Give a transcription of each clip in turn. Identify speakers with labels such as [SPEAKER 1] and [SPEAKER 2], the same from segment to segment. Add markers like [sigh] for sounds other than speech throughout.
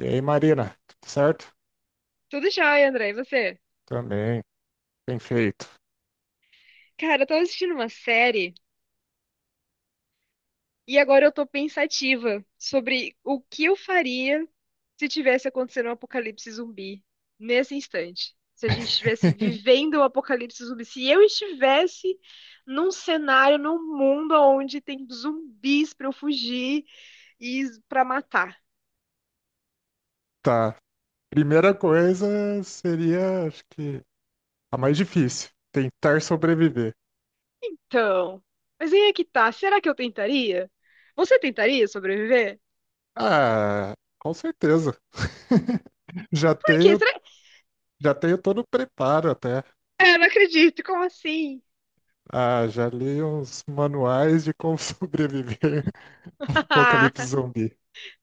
[SPEAKER 1] E aí, Marina, tudo certo?
[SPEAKER 2] Tudo jóia, André. E você?
[SPEAKER 1] Também, bem feito.
[SPEAKER 2] Cara, eu tava assistindo uma série e agora eu tô pensativa sobre o que eu faria se tivesse acontecendo um apocalipse zumbi nesse instante. Se a gente estivesse
[SPEAKER 1] [laughs]
[SPEAKER 2] vivendo um apocalipse zumbi, se eu estivesse num cenário, num mundo onde tem zumbis pra eu fugir e pra matar.
[SPEAKER 1] Tá. Primeira coisa seria, acho que a mais difícil, tentar sobreviver.
[SPEAKER 2] Então, mas aí é que tá. Será que eu tentaria? Você tentaria sobreviver?
[SPEAKER 1] Ah, com certeza. [laughs] Já
[SPEAKER 2] Por quê?
[SPEAKER 1] tenho,
[SPEAKER 2] Será...
[SPEAKER 1] já tenho todo o preparo até.
[SPEAKER 2] É, não acredito. Como assim?
[SPEAKER 1] Ah, já li uns manuais de como [laughs] sobreviver ao apocalipse
[SPEAKER 2] [laughs]
[SPEAKER 1] zumbi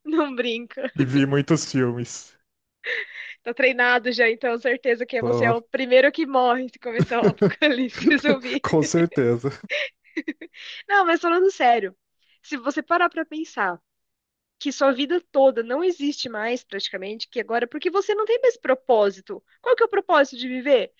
[SPEAKER 2] Não brinca.
[SPEAKER 1] e vi muitos filmes.
[SPEAKER 2] Tá treinado já, então certeza que você é
[SPEAKER 1] Tô-
[SPEAKER 2] o primeiro que morre se começar o
[SPEAKER 1] [laughs]
[SPEAKER 2] apocalipse [laughs] zumbi.
[SPEAKER 1] Com certeza.
[SPEAKER 2] Não, mas falando sério, se você parar pra pensar que sua vida toda não existe mais praticamente, que agora porque você não tem mais propósito. Qual que é o propósito de viver?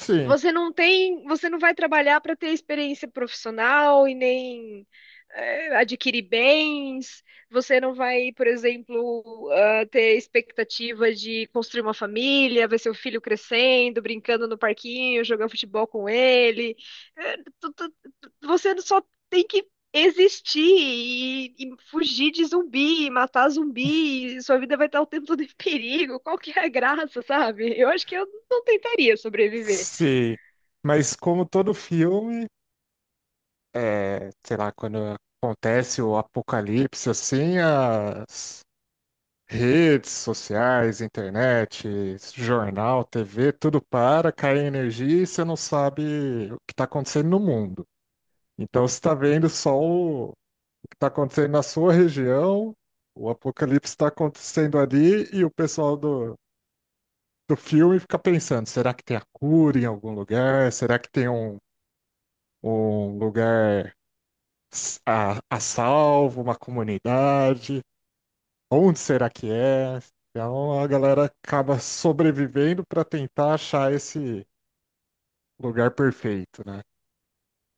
[SPEAKER 1] Sim,
[SPEAKER 2] Você não tem, você não vai trabalhar para ter experiência profissional e nem adquirir bens. Você não vai, por exemplo, ah, ter expectativa de construir uma família, ver seu filho crescendo, brincando no parquinho, jogando futebol com ele. Eh, tu- tu- Você só tem que existir e fugir de zumbi, matar zumbi, e sua vida vai estar o tempo todo em perigo. Qual que é a [laughs] graça, sabe? Eu acho que eu não tentaria sobreviver.
[SPEAKER 1] sim. Mas como todo filme, é, sei lá, quando acontece o apocalipse, assim, as redes sociais, internet, jornal, TV, tudo para, cai a energia e você não sabe o que está acontecendo no mundo. Então você está vendo só o que está acontecendo na sua região, o apocalipse está acontecendo ali e o pessoal do filme fica pensando, será que tem a cura em algum lugar? Será que tem um lugar a salvo, uma comunidade, onde será que é? Então a galera acaba sobrevivendo para tentar achar esse lugar perfeito, né?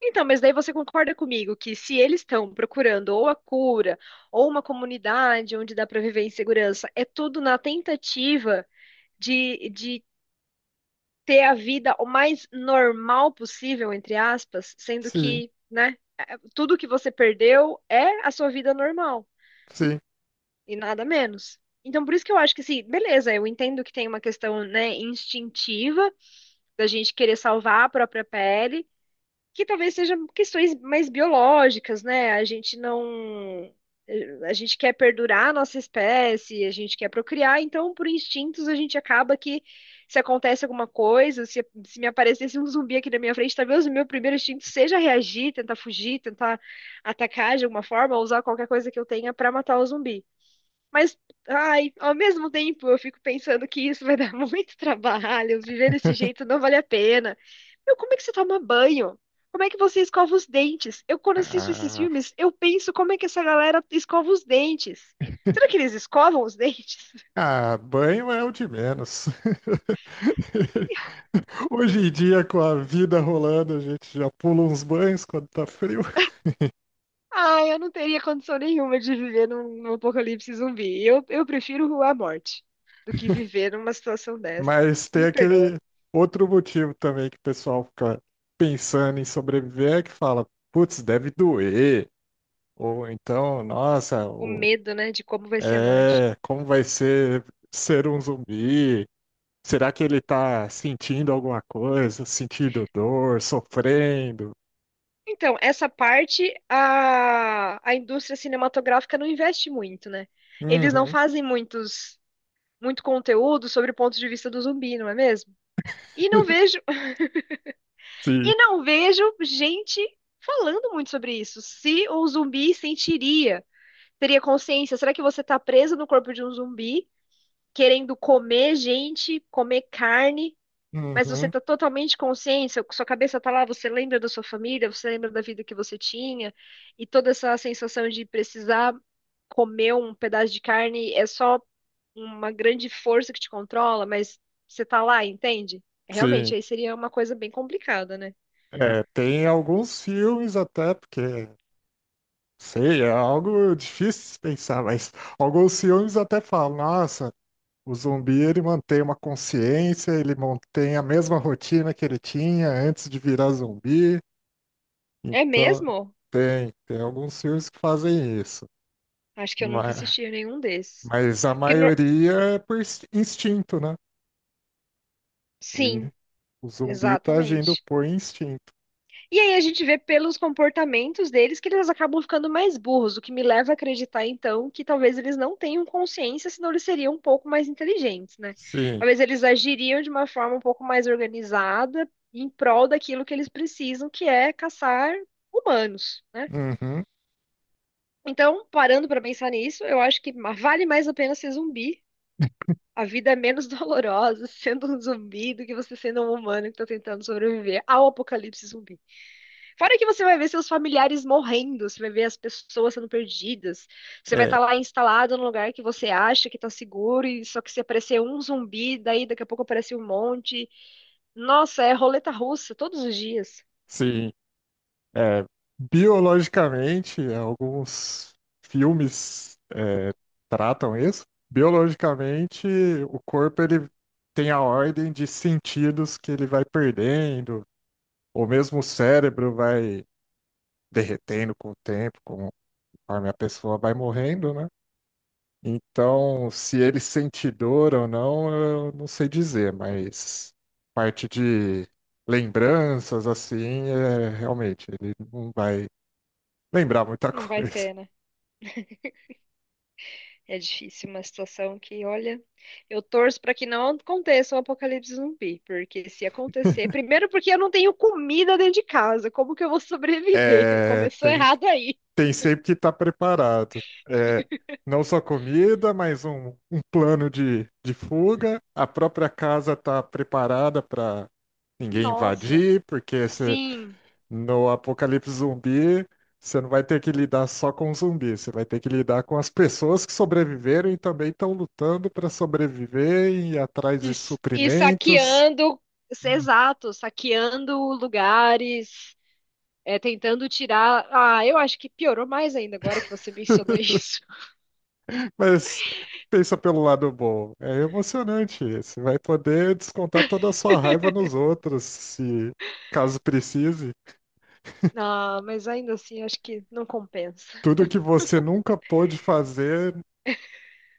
[SPEAKER 2] Então, mas daí você concorda comigo que se eles estão procurando ou a cura ou uma comunidade onde dá para viver em segurança, é tudo na tentativa de ter a vida o mais normal possível, entre aspas, sendo
[SPEAKER 1] Sim,
[SPEAKER 2] que, né, é- tudo que você perdeu é a sua vida normal
[SPEAKER 1] sim.
[SPEAKER 2] e nada menos. Então, por isso que eu acho que, assim, beleza, eu entendo que tem uma questão, né, instintiva da gente querer salvar a própria pele. Que talvez sejam questões mais biológicas, né? A gente não. A gente quer perdurar a nossa espécie, a gente quer procriar, então, por instintos, a gente acaba que, se acontece alguma coisa, se me aparecesse um zumbi aqui na minha frente, talvez o meu primeiro instinto seja reagir, tentar fugir, tentar atacar de alguma forma, ou usar qualquer coisa que eu tenha para matar o zumbi. Mas, ai, ao mesmo tempo, eu fico pensando que isso vai dar [laughs] muito trabalho, viver desse jeito não vale a pena. Meu, como é que você toma banho? Como é que você escova os dentes? Eu, quando assisto esses
[SPEAKER 1] Ah,
[SPEAKER 2] filmes, eu penso como é que essa galera escova os dentes. Será que
[SPEAKER 1] [laughs]
[SPEAKER 2] eles escovam os dentes? [laughs]
[SPEAKER 1] ah, banho é o de menos. [laughs] Hoje em dia, com a vida rolando, a gente já pula uns banhos quando tá frio. [laughs]
[SPEAKER 2] Ai, eu não teria condição nenhuma de viver num, num apocalipse zumbi. Eu, prefiro a morte do que viver numa situação dessa.
[SPEAKER 1] Mas tem
[SPEAKER 2] Me perdoa.
[SPEAKER 1] aquele outro motivo também que o pessoal fica pensando em sobreviver, é que fala, putz, deve doer. Ou então, nossa,
[SPEAKER 2] O medo, né, de como vai ser a morte.
[SPEAKER 1] é, como vai ser um zumbi? Será que ele tá sentindo alguma coisa? Sentindo dor, sofrendo?
[SPEAKER 2] Então, essa parte a indústria cinematográfica não investe muito, né? Eles não
[SPEAKER 1] Uhum,
[SPEAKER 2] fazem muito conteúdo sobre o ponto de vista do zumbi, não é mesmo? E não
[SPEAKER 1] [laughs]
[SPEAKER 2] vejo, [laughs]
[SPEAKER 1] sim.
[SPEAKER 2] e não vejo gente falando muito sobre isso. Se o zumbi sentiria, teria consciência, será que você está preso no corpo de um zumbi, querendo comer gente, comer carne, mas você
[SPEAKER 1] Uhum,
[SPEAKER 2] está totalmente consciente, seu- sua cabeça está lá, você lembra da sua família, você lembra da vida que você tinha, e toda essa sensação de precisar comer um pedaço de carne é só uma grande força que te controla, mas você tá lá, entende?
[SPEAKER 1] sim.
[SPEAKER 2] Realmente, aí seria uma coisa bem complicada, né?
[SPEAKER 1] É, tem alguns filmes até, porque, sei, é algo difícil de pensar, mas alguns filmes até falam, nossa. O zumbi, ele mantém uma consciência, ele mantém a mesma rotina que ele tinha antes de virar zumbi.
[SPEAKER 2] É
[SPEAKER 1] Então,
[SPEAKER 2] mesmo?
[SPEAKER 1] tem alguns filmes que fazem isso.
[SPEAKER 2] Acho que eu nunca
[SPEAKER 1] Mas,
[SPEAKER 2] assisti a nenhum desses.
[SPEAKER 1] mas a
[SPEAKER 2] Porque,
[SPEAKER 1] maioria é por instinto, né? O,
[SPEAKER 2] sim,
[SPEAKER 1] in- o zumbi tá agindo
[SPEAKER 2] exatamente.
[SPEAKER 1] por instinto.
[SPEAKER 2] E aí a gente vê pelos comportamentos deles que eles acabam ficando mais burros, o que me leva a acreditar, então, que talvez eles não tenham consciência, senão eles seriam um pouco mais inteligentes, né?
[SPEAKER 1] Sim.
[SPEAKER 2] Talvez eles agiriam de uma forma um pouco mais organizada em prol daquilo que eles precisam, que é caçar humanos, né?
[SPEAKER 1] Uhum.
[SPEAKER 2] Então, parando pra pensar nisso, eu acho que vale mais a pena ser zumbi. A vida é menos [laughs] dolorosa sendo um zumbi do que você sendo um humano que tá tentando sobreviver ao apocalipse zumbi. Fora que você vai ver seus familiares morrendo, você vai ver as pessoas sendo perdidas, você vai estar
[SPEAKER 1] É,
[SPEAKER 2] lá instalado num lugar que você acha que tá seguro, e só que se aparecer um zumbi, daí daqui a pouco aparece um monte. Nossa, é roleta russa todos os dias.
[SPEAKER 1] sim. É, biologicamente, alguns filmes tratam isso. Biologicamente, o corpo ele tem a ordem de sentidos que ele vai perdendo, ou mesmo o cérebro vai derretendo com o tempo, conforme a pessoa vai morrendo, né? Então, se ele sente dor ou não, eu não sei dizer, mas parte de lembranças, assim, realmente, ele não vai lembrar muita [laughs]
[SPEAKER 2] Não vai
[SPEAKER 1] coisa.
[SPEAKER 2] ter, né? É difícil uma situação que, olha, eu torço para que não aconteça um apocalipse zumbi, porque se acontecer, primeiro porque eu não tenho comida dentro de casa, como que eu vou sobreviver? [laughs]
[SPEAKER 1] É,
[SPEAKER 2] Começou
[SPEAKER 1] tem,
[SPEAKER 2] errado aí.
[SPEAKER 1] tem sempre que estar preparado. É, não só comida, mas um plano de fuga. A própria casa está preparada para ninguém
[SPEAKER 2] Nossa,
[SPEAKER 1] invadir, porque
[SPEAKER 2] sim,
[SPEAKER 1] no apocalipse zumbi você não vai ter que lidar só com zumbi, você vai ter que lidar com as pessoas que sobreviveram e também estão lutando para sobreviver e ir atrás
[SPEAKER 2] e,
[SPEAKER 1] de
[SPEAKER 2] s- e
[SPEAKER 1] suprimentos.
[SPEAKER 2] saqueando, exato, saqueando lugares, é, tentando tirar. Ah, eu acho que piorou mais ainda agora que você mencionou isso. [laughs]
[SPEAKER 1] Mas pensa pelo lado bom. É emocionante isso. Vai poder descontar toda a sua raiva nos outros, se caso precise.
[SPEAKER 2] Ah, mas ainda assim, acho que não compensa.
[SPEAKER 1] Tudo que você nunca pôde fazer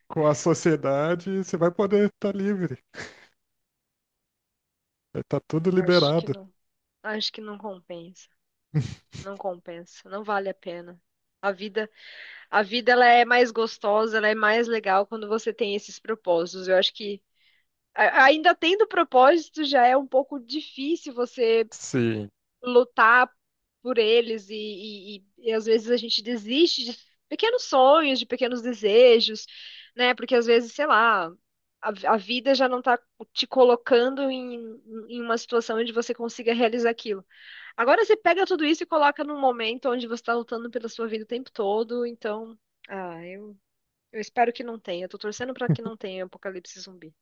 [SPEAKER 1] com a sociedade, você vai poder estar livre. Vai estar tudo
[SPEAKER 2] Acho que
[SPEAKER 1] liberado.
[SPEAKER 2] não, acho que não compensa.
[SPEAKER 1] [laughs]
[SPEAKER 2] Não compensa, não vale a pena. A vida, a vida ela é mais gostosa, ela é mais legal quando você tem esses propósitos. Eu acho que ainda tendo propósito já é um pouco difícil você
[SPEAKER 1] Sim.
[SPEAKER 2] lutar por eles e às vezes a gente desiste de pequenos sonhos, de pequenos desejos, né? Porque às vezes, sei lá, a vida já não está te colocando em, em uma situação onde você consiga realizar aquilo. Agora você pega tudo isso e coloca num momento onde você tá lutando pela sua vida o tempo todo, então, ah, eu, eu espero que não tenha. Eu tô torcendo pra que não tenha apocalipse zumbi.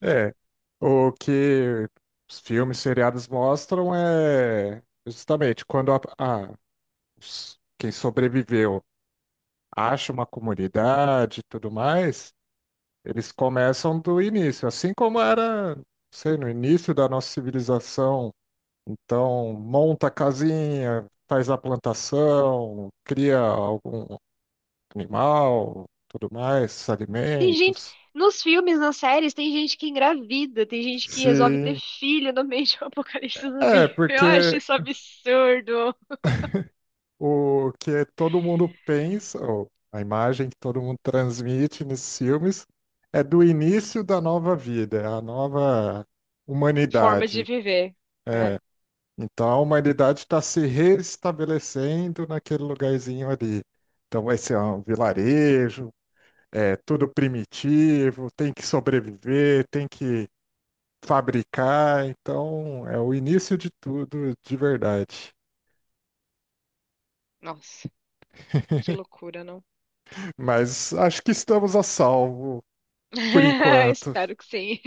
[SPEAKER 1] É. O que os filmes seriados mostram é justamente quando quem sobreviveu acha uma comunidade e tudo mais. Eles começam do início, assim como era, não sei, no início da nossa civilização. Então, monta a casinha, faz a plantação, cria algum animal, tudo mais,
[SPEAKER 2] Tem gente,
[SPEAKER 1] alimentos.
[SPEAKER 2] nos filmes, nas séries, tem gente que engravida, tem gente que resolve ter
[SPEAKER 1] Sim,
[SPEAKER 2] filho no meio de um [laughs] apocalipse zumbi. Eu acho
[SPEAKER 1] porque
[SPEAKER 2] isso absurdo.
[SPEAKER 1] o que todo mundo pensa, ou a imagem que todo mundo transmite nesses filmes, é do início da nova vida, é a nova
[SPEAKER 2] Forma de
[SPEAKER 1] humanidade.
[SPEAKER 2] viver, né?
[SPEAKER 1] É, então a humanidade está se restabelecendo naquele lugarzinho ali. Então vai ser um vilarejo, é tudo primitivo, tem que sobreviver, tem que fabricar. Então é o início de tudo de verdade.
[SPEAKER 2] Nossa, que loucura, não?
[SPEAKER 1] Mas acho que estamos a salvo por
[SPEAKER 2] [laughs]
[SPEAKER 1] enquanto.
[SPEAKER 2] Espero que sim.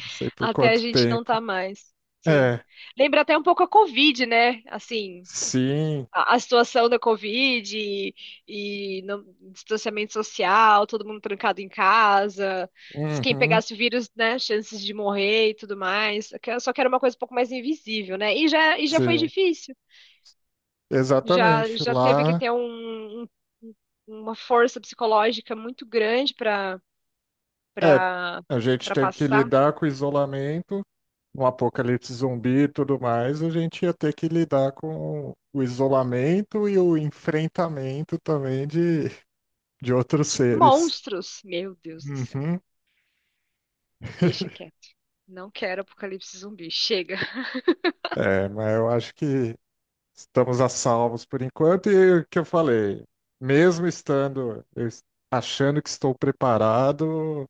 [SPEAKER 1] Não sei por
[SPEAKER 2] Até a
[SPEAKER 1] quanto
[SPEAKER 2] gente não
[SPEAKER 1] tempo.
[SPEAKER 2] tá mais. Sim.
[SPEAKER 1] É,
[SPEAKER 2] Lembra até um pouco a Covid, né? Assim,
[SPEAKER 1] sim.
[SPEAKER 2] a situação da Covid e distanciamento social, todo mundo trancado em casa, se quem
[SPEAKER 1] Uhum,
[SPEAKER 2] pegasse o vírus, né, chances de morrer e tudo mais. Só que era uma coisa um pouco mais invisível, né? E já foi
[SPEAKER 1] sim,
[SPEAKER 2] difícil.
[SPEAKER 1] exatamente.
[SPEAKER 2] Já teve que
[SPEAKER 1] Lá
[SPEAKER 2] ter uma força psicológica muito grande
[SPEAKER 1] é,
[SPEAKER 2] para
[SPEAKER 1] a gente
[SPEAKER 2] para
[SPEAKER 1] teve que
[SPEAKER 2] passar
[SPEAKER 1] lidar com o isolamento. Um apocalipse zumbi e tudo mais, a gente ia ter que lidar com o isolamento e o enfrentamento também de outros
[SPEAKER 2] de
[SPEAKER 1] seres.
[SPEAKER 2] monstros. Meu Deus do céu.
[SPEAKER 1] Uhum.
[SPEAKER 2] Deixa
[SPEAKER 1] [laughs]
[SPEAKER 2] quieto. Não quero apocalipse zumbi. Chega.
[SPEAKER 1] É, mas eu acho que estamos a salvos por enquanto. E o que eu falei, mesmo estando, achando que estou preparado,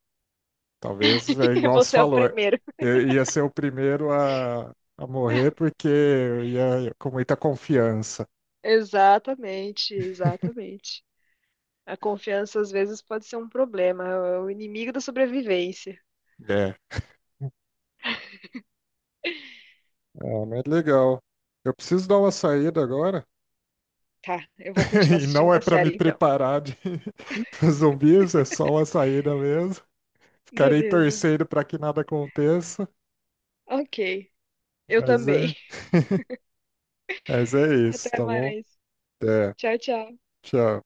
[SPEAKER 1] talvez é
[SPEAKER 2] [laughs]
[SPEAKER 1] igual você
[SPEAKER 2] Você é o
[SPEAKER 1] falou,
[SPEAKER 2] primeiro.
[SPEAKER 1] eu ia ser o primeiro a morrer porque eu ia com muita confiança.
[SPEAKER 2] Exatamente, exatamente. A confiança às vezes pode ser um problema, é o inimigo da sobrevivência.
[SPEAKER 1] É, ah, mas legal. Eu preciso dar uma saída agora.
[SPEAKER 2] Tá, eu vou continuar
[SPEAKER 1] [laughs] E
[SPEAKER 2] assistindo
[SPEAKER 1] não é
[SPEAKER 2] minha
[SPEAKER 1] para me
[SPEAKER 2] série então.
[SPEAKER 1] preparar de [laughs] pros zumbis, é só uma saída mesmo. Ficarei
[SPEAKER 2] Beleza.
[SPEAKER 1] torcendo para que nada aconteça,
[SPEAKER 2] Ok. Eu
[SPEAKER 1] mas
[SPEAKER 2] também.
[SPEAKER 1] é, [laughs] mas
[SPEAKER 2] [laughs]
[SPEAKER 1] é isso,
[SPEAKER 2] Até
[SPEAKER 1] tá bom?
[SPEAKER 2] mais.
[SPEAKER 1] É,
[SPEAKER 2] Tchau, tchau.
[SPEAKER 1] tchau.